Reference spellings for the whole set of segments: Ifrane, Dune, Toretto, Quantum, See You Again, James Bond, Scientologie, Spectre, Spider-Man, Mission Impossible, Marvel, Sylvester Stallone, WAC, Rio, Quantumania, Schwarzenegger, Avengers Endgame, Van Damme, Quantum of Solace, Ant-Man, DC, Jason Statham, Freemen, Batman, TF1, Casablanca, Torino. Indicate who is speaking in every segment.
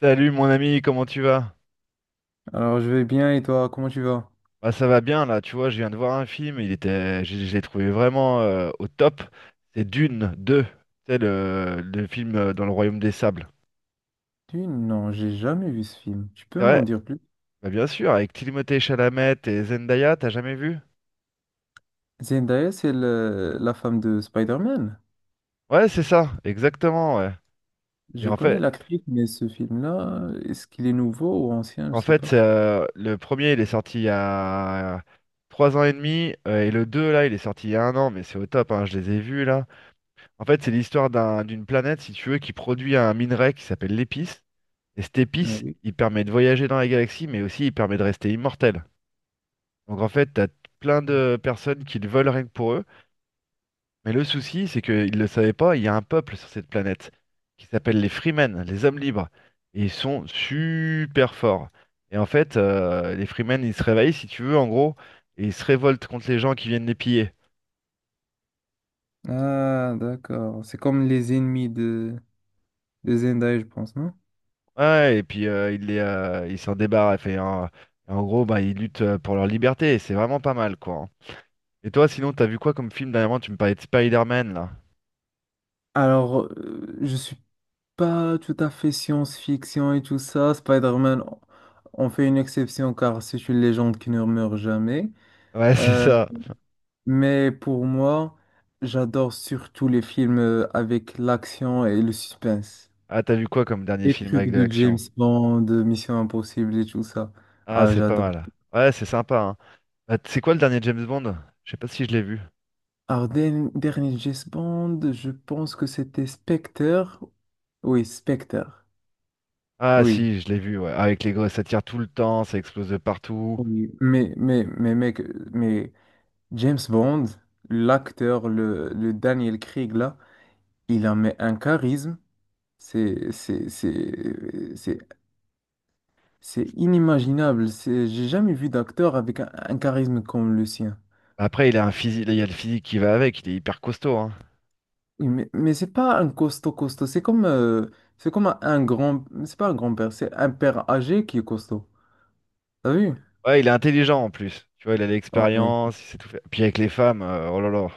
Speaker 1: Salut mon ami, comment tu vas?
Speaker 2: Alors, je vais bien et toi, comment tu vas?
Speaker 1: Bah ça va bien là, tu vois, je viens de voir un film, il était, je l'ai trouvé vraiment au top. C'est Dune 2, c'est le film dans le Royaume des Sables.
Speaker 2: Non, j'ai jamais vu ce film. Tu peux
Speaker 1: C'est
Speaker 2: m'en
Speaker 1: vrai?
Speaker 2: dire plus?
Speaker 1: Bah bien sûr, avec Timothée Chalamet et Zendaya, t'as jamais vu?
Speaker 2: Zendaya, c'est la femme de Spider-Man.
Speaker 1: Ouais, c'est ça, exactement, ouais. Et
Speaker 2: Je
Speaker 1: en
Speaker 2: connais
Speaker 1: fait,
Speaker 2: l'actrice, mais ce film-là, est-ce qu'il est nouveau ou ancien? Je
Speaker 1: en
Speaker 2: sais
Speaker 1: fait, c'est,
Speaker 2: pas.
Speaker 1: le premier il est sorti il y a 3 ans et demi, et le 2 là, il est sorti il y a un an, mais c'est au top, hein, je les ai vus là. En fait, c'est l'histoire d'une planète, si tu veux, qui produit un minerai qui s'appelle l'épice. Et cette
Speaker 2: Ah
Speaker 1: épice,
Speaker 2: oui.
Speaker 1: il permet de voyager dans la galaxie, mais aussi il permet de rester immortel. Donc en fait, t'as plein de personnes qui le veulent rien que pour eux. Mais le souci, c'est qu'ils ne le savaient pas, il y a un peuple sur cette planète qui s'appelle les Freemen, les hommes libres. Et ils sont super forts. Et en fait, les Freemen, ils se réveillent, si tu veux, en gros, et ils se révoltent contre les gens qui viennent les piller.
Speaker 2: Ah, d'accord. C'est comme les ennemis de Zendaya, je pense, non?
Speaker 1: Ouais, et puis ils les, ils s'en débarrassent. En gros, bah, ils luttent pour leur liberté. Et c'est vraiment pas mal, quoi, hein. Et toi, sinon, t'as vu quoi comme film dernièrement? Tu me parlais de Spider-Man, là.
Speaker 2: Alors, je suis pas tout à fait science-fiction et tout ça. Spider-Man, on fait une exception car c'est une légende qui ne meurt jamais.
Speaker 1: Ouais, c'est
Speaker 2: Euh,
Speaker 1: ça.
Speaker 2: mais pour moi, j'adore surtout les films avec l'action et le suspense.
Speaker 1: Ah, t'as vu quoi comme dernier
Speaker 2: Les
Speaker 1: film
Speaker 2: trucs
Speaker 1: avec de
Speaker 2: de
Speaker 1: l'action?
Speaker 2: James Bond, de Mission Impossible et tout ça.
Speaker 1: Ah,
Speaker 2: Ah,
Speaker 1: c'est pas
Speaker 2: j'adore.
Speaker 1: mal. Ouais, c'est sympa, hein. Bah, c'est quoi le dernier James Bond? Je sais pas si je l'ai vu.
Speaker 2: Alors, dernier James Bond, je pense que c'était Spectre. Oui, Spectre.
Speaker 1: Ah,
Speaker 2: Oui.
Speaker 1: si, je l'ai vu, ouais. Avec les gosses, ça tire tout le temps, ça explose de partout.
Speaker 2: Oui. Mais mec, mais James Bond, l'acteur, le Daniel Craig là, il a mais un charisme, c'est c'est c'est c'est c'est inimaginable. C'est j'ai jamais vu d'acteur avec un charisme comme le sien.
Speaker 1: Après, il a un physique, il y a le physique qui va avec, il est hyper costaud, hein.
Speaker 2: Oui, mais mais c'est pas un costaud costaud, c'est comme un grand, c'est pas un grand-père, c'est un père âgé qui est costaud. T'as vu?
Speaker 1: Ouais, il est intelligent en plus. Tu vois, il a
Speaker 2: Oh, ouais.
Speaker 1: l'expérience, il sait tout faire. Puis avec les femmes, oh là là.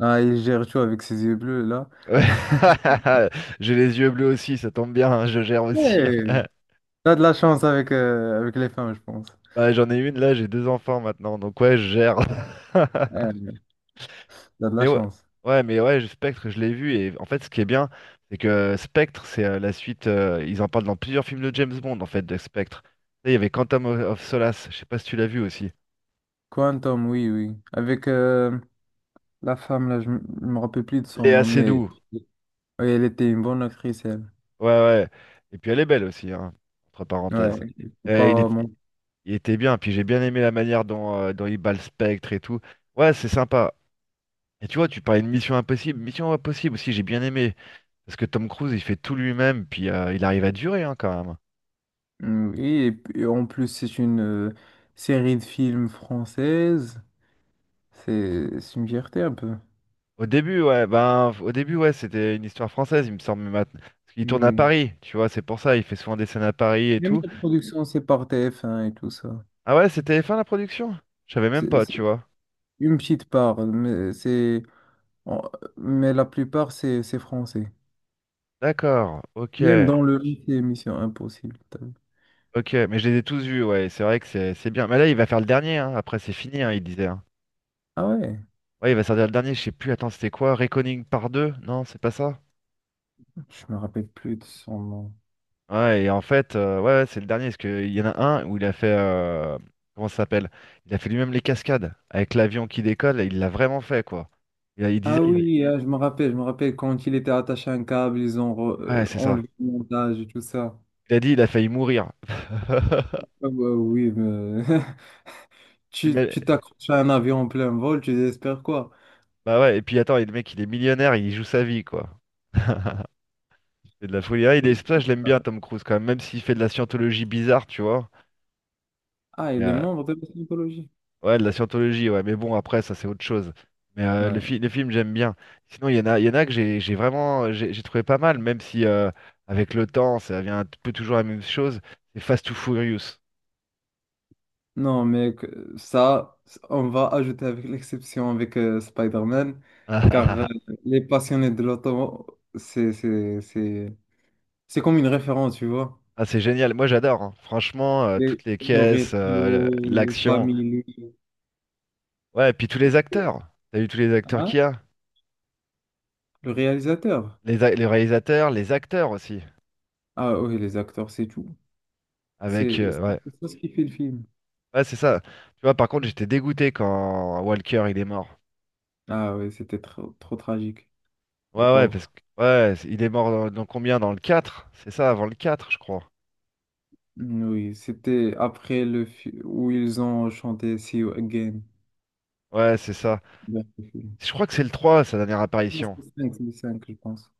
Speaker 2: Ah, il gère tout avec ses yeux bleus là.
Speaker 1: Ouais. J'ai les yeux bleus aussi, ça tombe bien, hein, je gère aussi.
Speaker 2: Ouais, t'as de la chance avec avec les femmes, je pense.
Speaker 1: Bah, j'en ai une là, j'ai deux enfants maintenant, donc ouais, je gère.
Speaker 2: Ouais, t'as de
Speaker 1: Mais
Speaker 2: la
Speaker 1: ouais,
Speaker 2: chance.
Speaker 1: ouais, mais ouais, Spectre, je l'ai vu, et en fait, ce qui est bien, c'est que Spectre, c'est la suite, ils en parlent dans plusieurs films de James Bond, en fait, de Spectre. Tu sais, il y avait Quantum of Solace, je sais pas si tu l'as vu aussi.
Speaker 2: Quantum, oui, oui. Avec la femme, là, je me rappelle plus de son
Speaker 1: Léa
Speaker 2: nom, mais
Speaker 1: Seydoux,
Speaker 2: oui, elle était une bonne actrice, elle.
Speaker 1: ouais, ouais. Et puis elle est belle aussi, hein, entre
Speaker 2: Ouais,
Speaker 1: parenthèses.
Speaker 2: il faut
Speaker 1: Euh, il
Speaker 2: pas
Speaker 1: est- il était bien, puis j'ai bien aimé la manière dont, dont il bat le Spectre et tout. Ouais, c'est sympa. Et tu vois, tu parlais de Mission Impossible. Mission Impossible aussi, j'ai bien aimé. Parce que Tom Cruise, il fait tout lui-même, puis il arrive à durer hein, quand même.
Speaker 2: mm, oui, et puis, en plus, c'est une série de films française. C'est une fierté un peu.
Speaker 1: Au début, ouais, ben, au début, ouais, c'était une histoire française, il me semble, mais maintenant. Parce qu'il tourne
Speaker 2: Mmh,
Speaker 1: à
Speaker 2: oui.
Speaker 1: Paris, tu vois, c'est pour ça, il fait souvent des scènes à Paris et
Speaker 2: Même
Speaker 1: tout.
Speaker 2: la production, c'est par TF1 et tout ça.
Speaker 1: Ah ouais, c'était fin la production? Je savais même
Speaker 2: C'est
Speaker 1: pas,
Speaker 2: c'est
Speaker 1: tu vois.
Speaker 2: une petite part, mais, en- mais la plupart, c'est français.
Speaker 1: D'accord,
Speaker 2: Même dans le nom, c'est Mission Impossible. T'as vu.
Speaker 1: ok, mais je les ai tous vus, ouais, c'est vrai que c'est bien. Mais là, il va faire le dernier, hein, après c'est fini, hein, il disait, hein.
Speaker 2: Ah ouais,
Speaker 1: Ouais, il va sortir le dernier, je sais plus, attends, c'était quoi? Reckoning par deux? Non, c'est pas ça?
Speaker 2: je me rappelle plus de son nom.
Speaker 1: Ouais, et en fait, ouais, ouais, c'est le dernier, parce qu'il y en a un où il a fait, comment ça s'appelle? Il a fait lui-même les cascades, avec l'avion qui décolle, et il l'a vraiment fait, quoi. Il, a- il
Speaker 2: Ah
Speaker 1: disait, il-
Speaker 2: oui, ah, je me rappelle quand il était attaché à un câble, ils ont
Speaker 1: ouais, c'est ça.
Speaker 2: enlevé le montage et tout ça.
Speaker 1: Il a dit, il a failli mourir.
Speaker 2: Ah ouais, oui, mais
Speaker 1: Il
Speaker 2: tu
Speaker 1: met-
Speaker 2: tu t'accroches à un avion en plein vol, tu désespères quoi?
Speaker 1: Bah ouais, et puis attends, et le mec, il est millionnaire, il joue sa vie, quoi. C'est de la folie. Ah, il est... c'est
Speaker 2: Et-
Speaker 1: pour ça que je l'aime bien, Tom Cruise, quand même, même s'il fait de la scientologie bizarre, tu vois.
Speaker 2: Ah, il est membre de la Scientologie.
Speaker 1: Ouais, de la scientologie, ouais, mais bon, après, ça, c'est autre chose. Mais
Speaker 2: Ouais.
Speaker 1: le film, j'aime bien. Sinon, il y en a que j'ai vraiment j'ai trouvé pas mal, même si avec le temps, ça devient un peu toujours la même chose. C'est Fast to Furious.
Speaker 2: Non, mais ça, on va ajouter avec l'exception avec Spider-Man,
Speaker 1: Ah, ah,
Speaker 2: car
Speaker 1: ah, ah.
Speaker 2: les passionnés de l'auto, c'est comme une référence, tu vois.
Speaker 1: Ah, c'est génial. Moi, j'adore, hein. Franchement,
Speaker 2: Les
Speaker 1: toutes les caisses,
Speaker 2: Toretto, les
Speaker 1: l'action.
Speaker 2: familles.
Speaker 1: Ouais, et puis tous les acteurs. T'as vu tous les acteurs qu'il y a?
Speaker 2: Le réalisateur?
Speaker 1: Les réalisateurs, les acteurs aussi.
Speaker 2: Ah oui, les acteurs, c'est tout.
Speaker 1: Avec,
Speaker 2: C'est
Speaker 1: ouais,
Speaker 2: c'est ça ce qui fait le film.
Speaker 1: ouais, c'est ça. Tu vois, par contre, j'étais dégoûté quand Walker, il est mort.
Speaker 2: Ah oui, c'était trop, trop tragique, le
Speaker 1: Ouais, ouais, parce
Speaker 2: pauvre.
Speaker 1: que ouais, il est mort dans, dans combien? Dans le quatre. C'est ça, avant le 4 je crois.
Speaker 2: Mm, oui, c'était après où ils ont chanté See You Again.
Speaker 1: Ouais, c'est ça.
Speaker 2: Vers le film.
Speaker 1: Je crois que c'est le 3 sa dernière
Speaker 2: Non,
Speaker 1: apparition.
Speaker 2: c'est le 5, c'est le 5, je pense.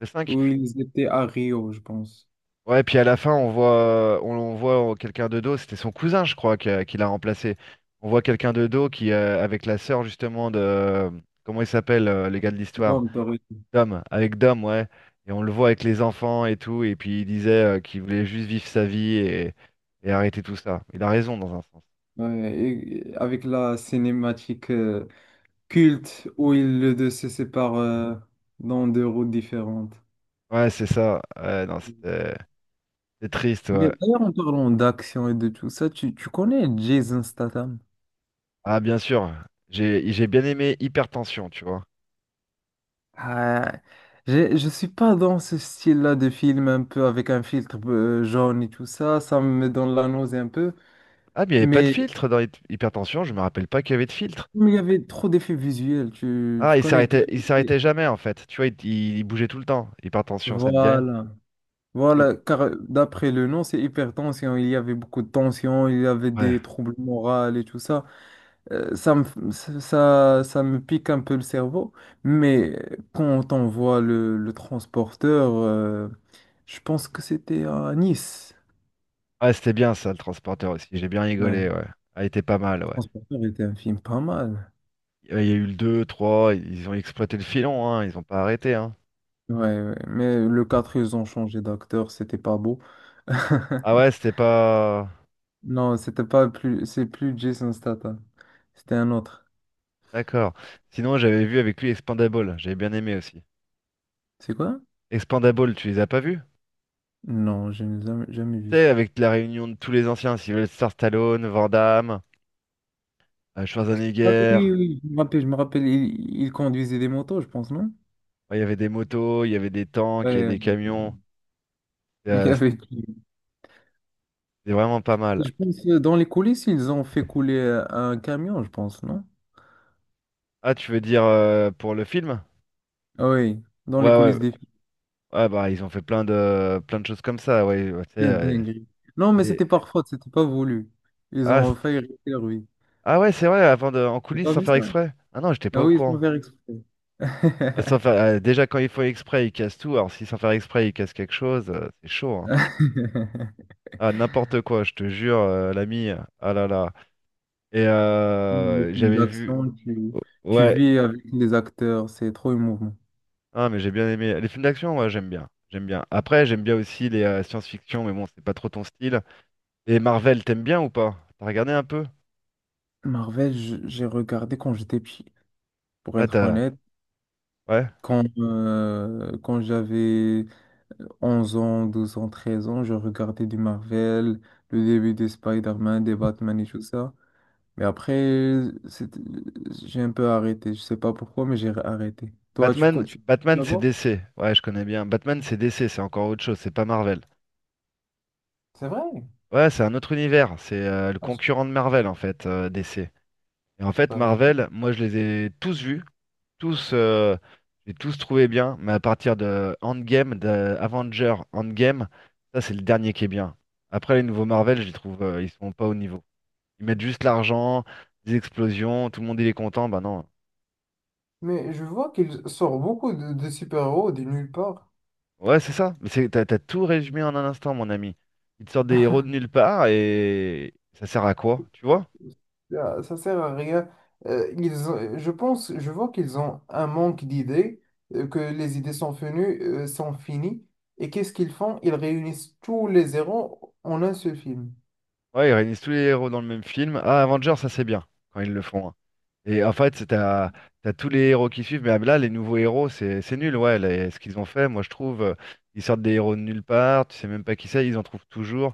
Speaker 1: Le cinq.
Speaker 2: Où ils étaient à Rio, je pense.
Speaker 1: Ouais, puis à la fin, on voit, on voit oh, quelqu'un de dos, c'était son cousin, je crois, qui l'a remplacé. On voit quelqu'un de dos qui, avec la sœur, justement, de. Comment il s'appelle, le gars de l'histoire?
Speaker 2: Dans Torino.
Speaker 1: Dom, avec Dom, ouais. Et on le voit avec les enfants et tout, et puis il disait qu'il voulait juste vivre sa vie et arrêter tout ça. Il a raison dans un sens.
Speaker 2: Ouais, et avec la cinématique culte où ils le deux se séparent dans deux routes différentes.
Speaker 1: Ouais, c'est ça. Ouais, non, c'était. C'est triste,
Speaker 2: Mais
Speaker 1: ouais.
Speaker 2: d'ailleurs, en parlant d'action et de tout ça, tu connais Jason Statham?
Speaker 1: Ah, bien sûr. J'ai bien aimé Hypertension, tu vois.
Speaker 2: Ah, je suis pas dans ce style-là de film un peu avec un filtre jaune et tout ça, ça me donne la nausée un peu.
Speaker 1: Ah, mais il n'y avait pas de
Speaker 2: Mais
Speaker 1: filtre dans Hypertension, je me rappelle pas qu'il y avait de filtre.
Speaker 2: comme il y avait trop d'effets visuels,
Speaker 1: Ah,
Speaker 2: tu connais.
Speaker 1: il s'arrêtait jamais, en fait. Tu vois, il bougeait tout le temps. Hypertension, ça te dit rien?
Speaker 2: Voilà,
Speaker 1: Oui.
Speaker 2: voilà, car d'après le nom, c'est hypertension, il y avait beaucoup de tension, il y avait
Speaker 1: Ouais.
Speaker 2: des troubles moraux et tout ça. Ça me pique un peu le cerveau, mais quand on voit le transporteur, je pense que c'était à Nice.
Speaker 1: Ah, c'était bien, ça, le transporteur aussi. J'ai bien rigolé,
Speaker 2: Ouais,
Speaker 1: ouais. Ah, il était pas mal,
Speaker 2: le
Speaker 1: ouais.
Speaker 2: transporteur était un film pas mal.
Speaker 1: Il y a eu le 2 3, ils ont exploité le filon, hein. Ils ont pas arrêté, hein.
Speaker 2: Ouais, ouais. Mais le 4 ils ont changé d'acteur, c'était pas beau.
Speaker 1: Ah ouais, c'était pas...
Speaker 2: Non, c'était pas plus, c'est plus Jason Statham. C'était un autre.
Speaker 1: D'accord. Sinon, j'avais vu avec lui Expandable. J'avais bien aimé aussi.
Speaker 2: C'est quoi?
Speaker 1: Expandable, tu les as pas vus?
Speaker 2: Non, je n'ai jamais, jamais
Speaker 1: Tu
Speaker 2: vu
Speaker 1: sais,
Speaker 2: ça.
Speaker 1: avec la réunion de tous les anciens, Sylvester Stallone, Van Damme,
Speaker 2: Ah
Speaker 1: Schwarzenegger,
Speaker 2: oui, oui, je me rappelle, il conduisait des motos, je pense, non?
Speaker 1: ouais, il y avait des motos, il y avait des tanks, il y
Speaker 2: Ouais,
Speaker 1: avait des
Speaker 2: ouais.
Speaker 1: camions.
Speaker 2: Il y
Speaker 1: C'était
Speaker 2: avait. Qui?
Speaker 1: vraiment pas mal.
Speaker 2: Je pense dans les coulisses, ils ont fait couler un camion, je pense, non?
Speaker 1: Ah, tu veux dire pour le film?
Speaker 2: Ah oui, dans
Speaker 1: Ouais,
Speaker 2: les
Speaker 1: ouais.
Speaker 2: coulisses des films.
Speaker 1: Ah bah ils ont fait plein de choses comme ça, ouais, ouais, tu sais,
Speaker 2: Quelle dinguerie. Non, mais
Speaker 1: c'est-
Speaker 2: c'était par faute, c'était pas voulu. Ils
Speaker 1: ah,
Speaker 2: ont failli arrêter lui.
Speaker 1: ah ouais, c'est vrai, avant de en
Speaker 2: T'as
Speaker 1: coulisses
Speaker 2: pas
Speaker 1: sans
Speaker 2: vu
Speaker 1: faire
Speaker 2: ça?
Speaker 1: exprès. Ah non, j'étais pas
Speaker 2: Ah
Speaker 1: au
Speaker 2: oui, ils sont
Speaker 1: courant.
Speaker 2: faire exprès.
Speaker 1: Sans faire... déjà quand ils font exprès, ils cassent tout. Alors si sans faire exprès, ils cassent quelque chose, c'est chaud, hein. Ah n'importe quoi, je te jure, l'ami. Ah là là. Et
Speaker 2: Les films
Speaker 1: j'avais vu.
Speaker 2: d'action,
Speaker 1: Oh,
Speaker 2: tu
Speaker 1: ouais,
Speaker 2: vis avec les acteurs, c'est trop émouvant.
Speaker 1: ah, mais j'ai bien aimé. Les films d'action, moi, j'aime bien. J'aime bien. Après, j'aime bien aussi les science-fiction, mais bon, c'est pas trop ton style. Et Marvel, t'aimes bien ou pas? T'as regardé un peu?
Speaker 2: Marvel, j'ai regardé quand j'étais petit, pour
Speaker 1: Là,
Speaker 2: être
Speaker 1: t'as.
Speaker 2: honnête,
Speaker 1: Ouais.
Speaker 2: quand j'avais 11 ans, 12 ans, 13 ans, je regardais du Marvel, le début des Spider-Man, des Batman et tout ça. Mais après, c'est- j'ai un peu arrêté. Je sais pas pourquoi, mais j'ai arrêté. Toi, tu
Speaker 1: Batman,
Speaker 2: continues
Speaker 1: Batman,
Speaker 2: à
Speaker 1: c'est
Speaker 2: voir?
Speaker 1: DC. Ouais, je connais bien. Batman, c'est DC, c'est encore autre chose, c'est pas Marvel.
Speaker 2: C'est vrai?
Speaker 1: Ouais, c'est un autre univers. C'est le
Speaker 2: Ah,
Speaker 1: concurrent de Marvel, en fait, DC. Et en
Speaker 2: je
Speaker 1: fait,
Speaker 2: savais.
Speaker 1: Marvel, moi, je les ai tous vus. Tous, j'ai tous trouvé bien, mais à partir de Endgame, de Avenger Endgame, ça c'est le dernier qui est bien. Après les nouveaux Marvel, je les trouve, ils sont pas au niveau. Ils mettent juste l'argent, des explosions, tout le monde il est content, bah non.
Speaker 2: Mais je vois qu'il sort beaucoup de super-héros de nulle part.
Speaker 1: Ouais, c'est ça. Mais c'est, t'as tout résumé en un instant, mon ami. Ils te sortent des héros de nulle part et ça sert à quoi, tu vois?
Speaker 2: Ah, ça sert à rien. Je pense, je vois qu'ils ont un manque d'idées, que les idées sont venues, sont finies. Et qu'est-ce qu'ils font? Ils réunissent tous les zéros en un seul film.
Speaker 1: Ouais, ils réunissent tous les héros dans le même film. Ah, Avenger, ça c'est bien quand ils le font, hein. Et en fait, t'as tous les héros qui suivent, mais là, les nouveaux héros, c'est nul, ouais, ce qu'ils ont fait, moi je trouve, ils sortent des héros de nulle part, tu sais même pas qui c'est, ils en trouvent toujours,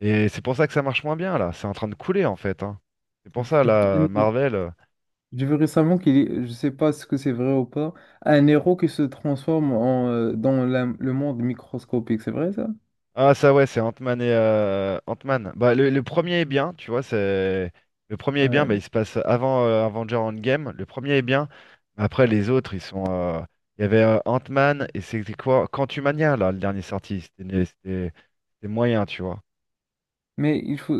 Speaker 1: et c'est pour ça que ça marche moins bien, là, c'est en train de couler, en fait, hein. C'est pour ça, là, Marvel,
Speaker 2: J'ai vu récemment qu'il est, je sais pas ce que c'est vrai ou pas, un héros qui se transforme en, dans le monde microscopique, c'est vrai ça?
Speaker 1: ah ça ouais, c'est Ant-Man. Bah le premier est bien, tu vois, c'est le premier est bien, bah, il
Speaker 2: Ouais.
Speaker 1: se passe avant Avengers Endgame. Le premier est bien. Mais après les autres, ils sont il y avait Ant-Man et c'était quoi? Quantumania là, le dernier sorti, c'était moyen, tu vois.
Speaker 2: Mais il faut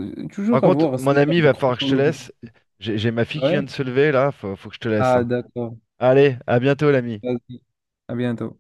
Speaker 1: Par
Speaker 2: toujours
Speaker 1: contre,
Speaker 2: avoir
Speaker 1: mon
Speaker 2: cet
Speaker 1: ami, il
Speaker 2: ordre
Speaker 1: va falloir que je te
Speaker 2: chronologique.
Speaker 1: laisse. J'ai ma fille qui vient
Speaker 2: Ouais.
Speaker 1: de se lever là, faut que je te laisse,
Speaker 2: Ah
Speaker 1: hein.
Speaker 2: d'accord.
Speaker 1: Allez, à bientôt l'ami.
Speaker 2: Vas-y. À bientôt.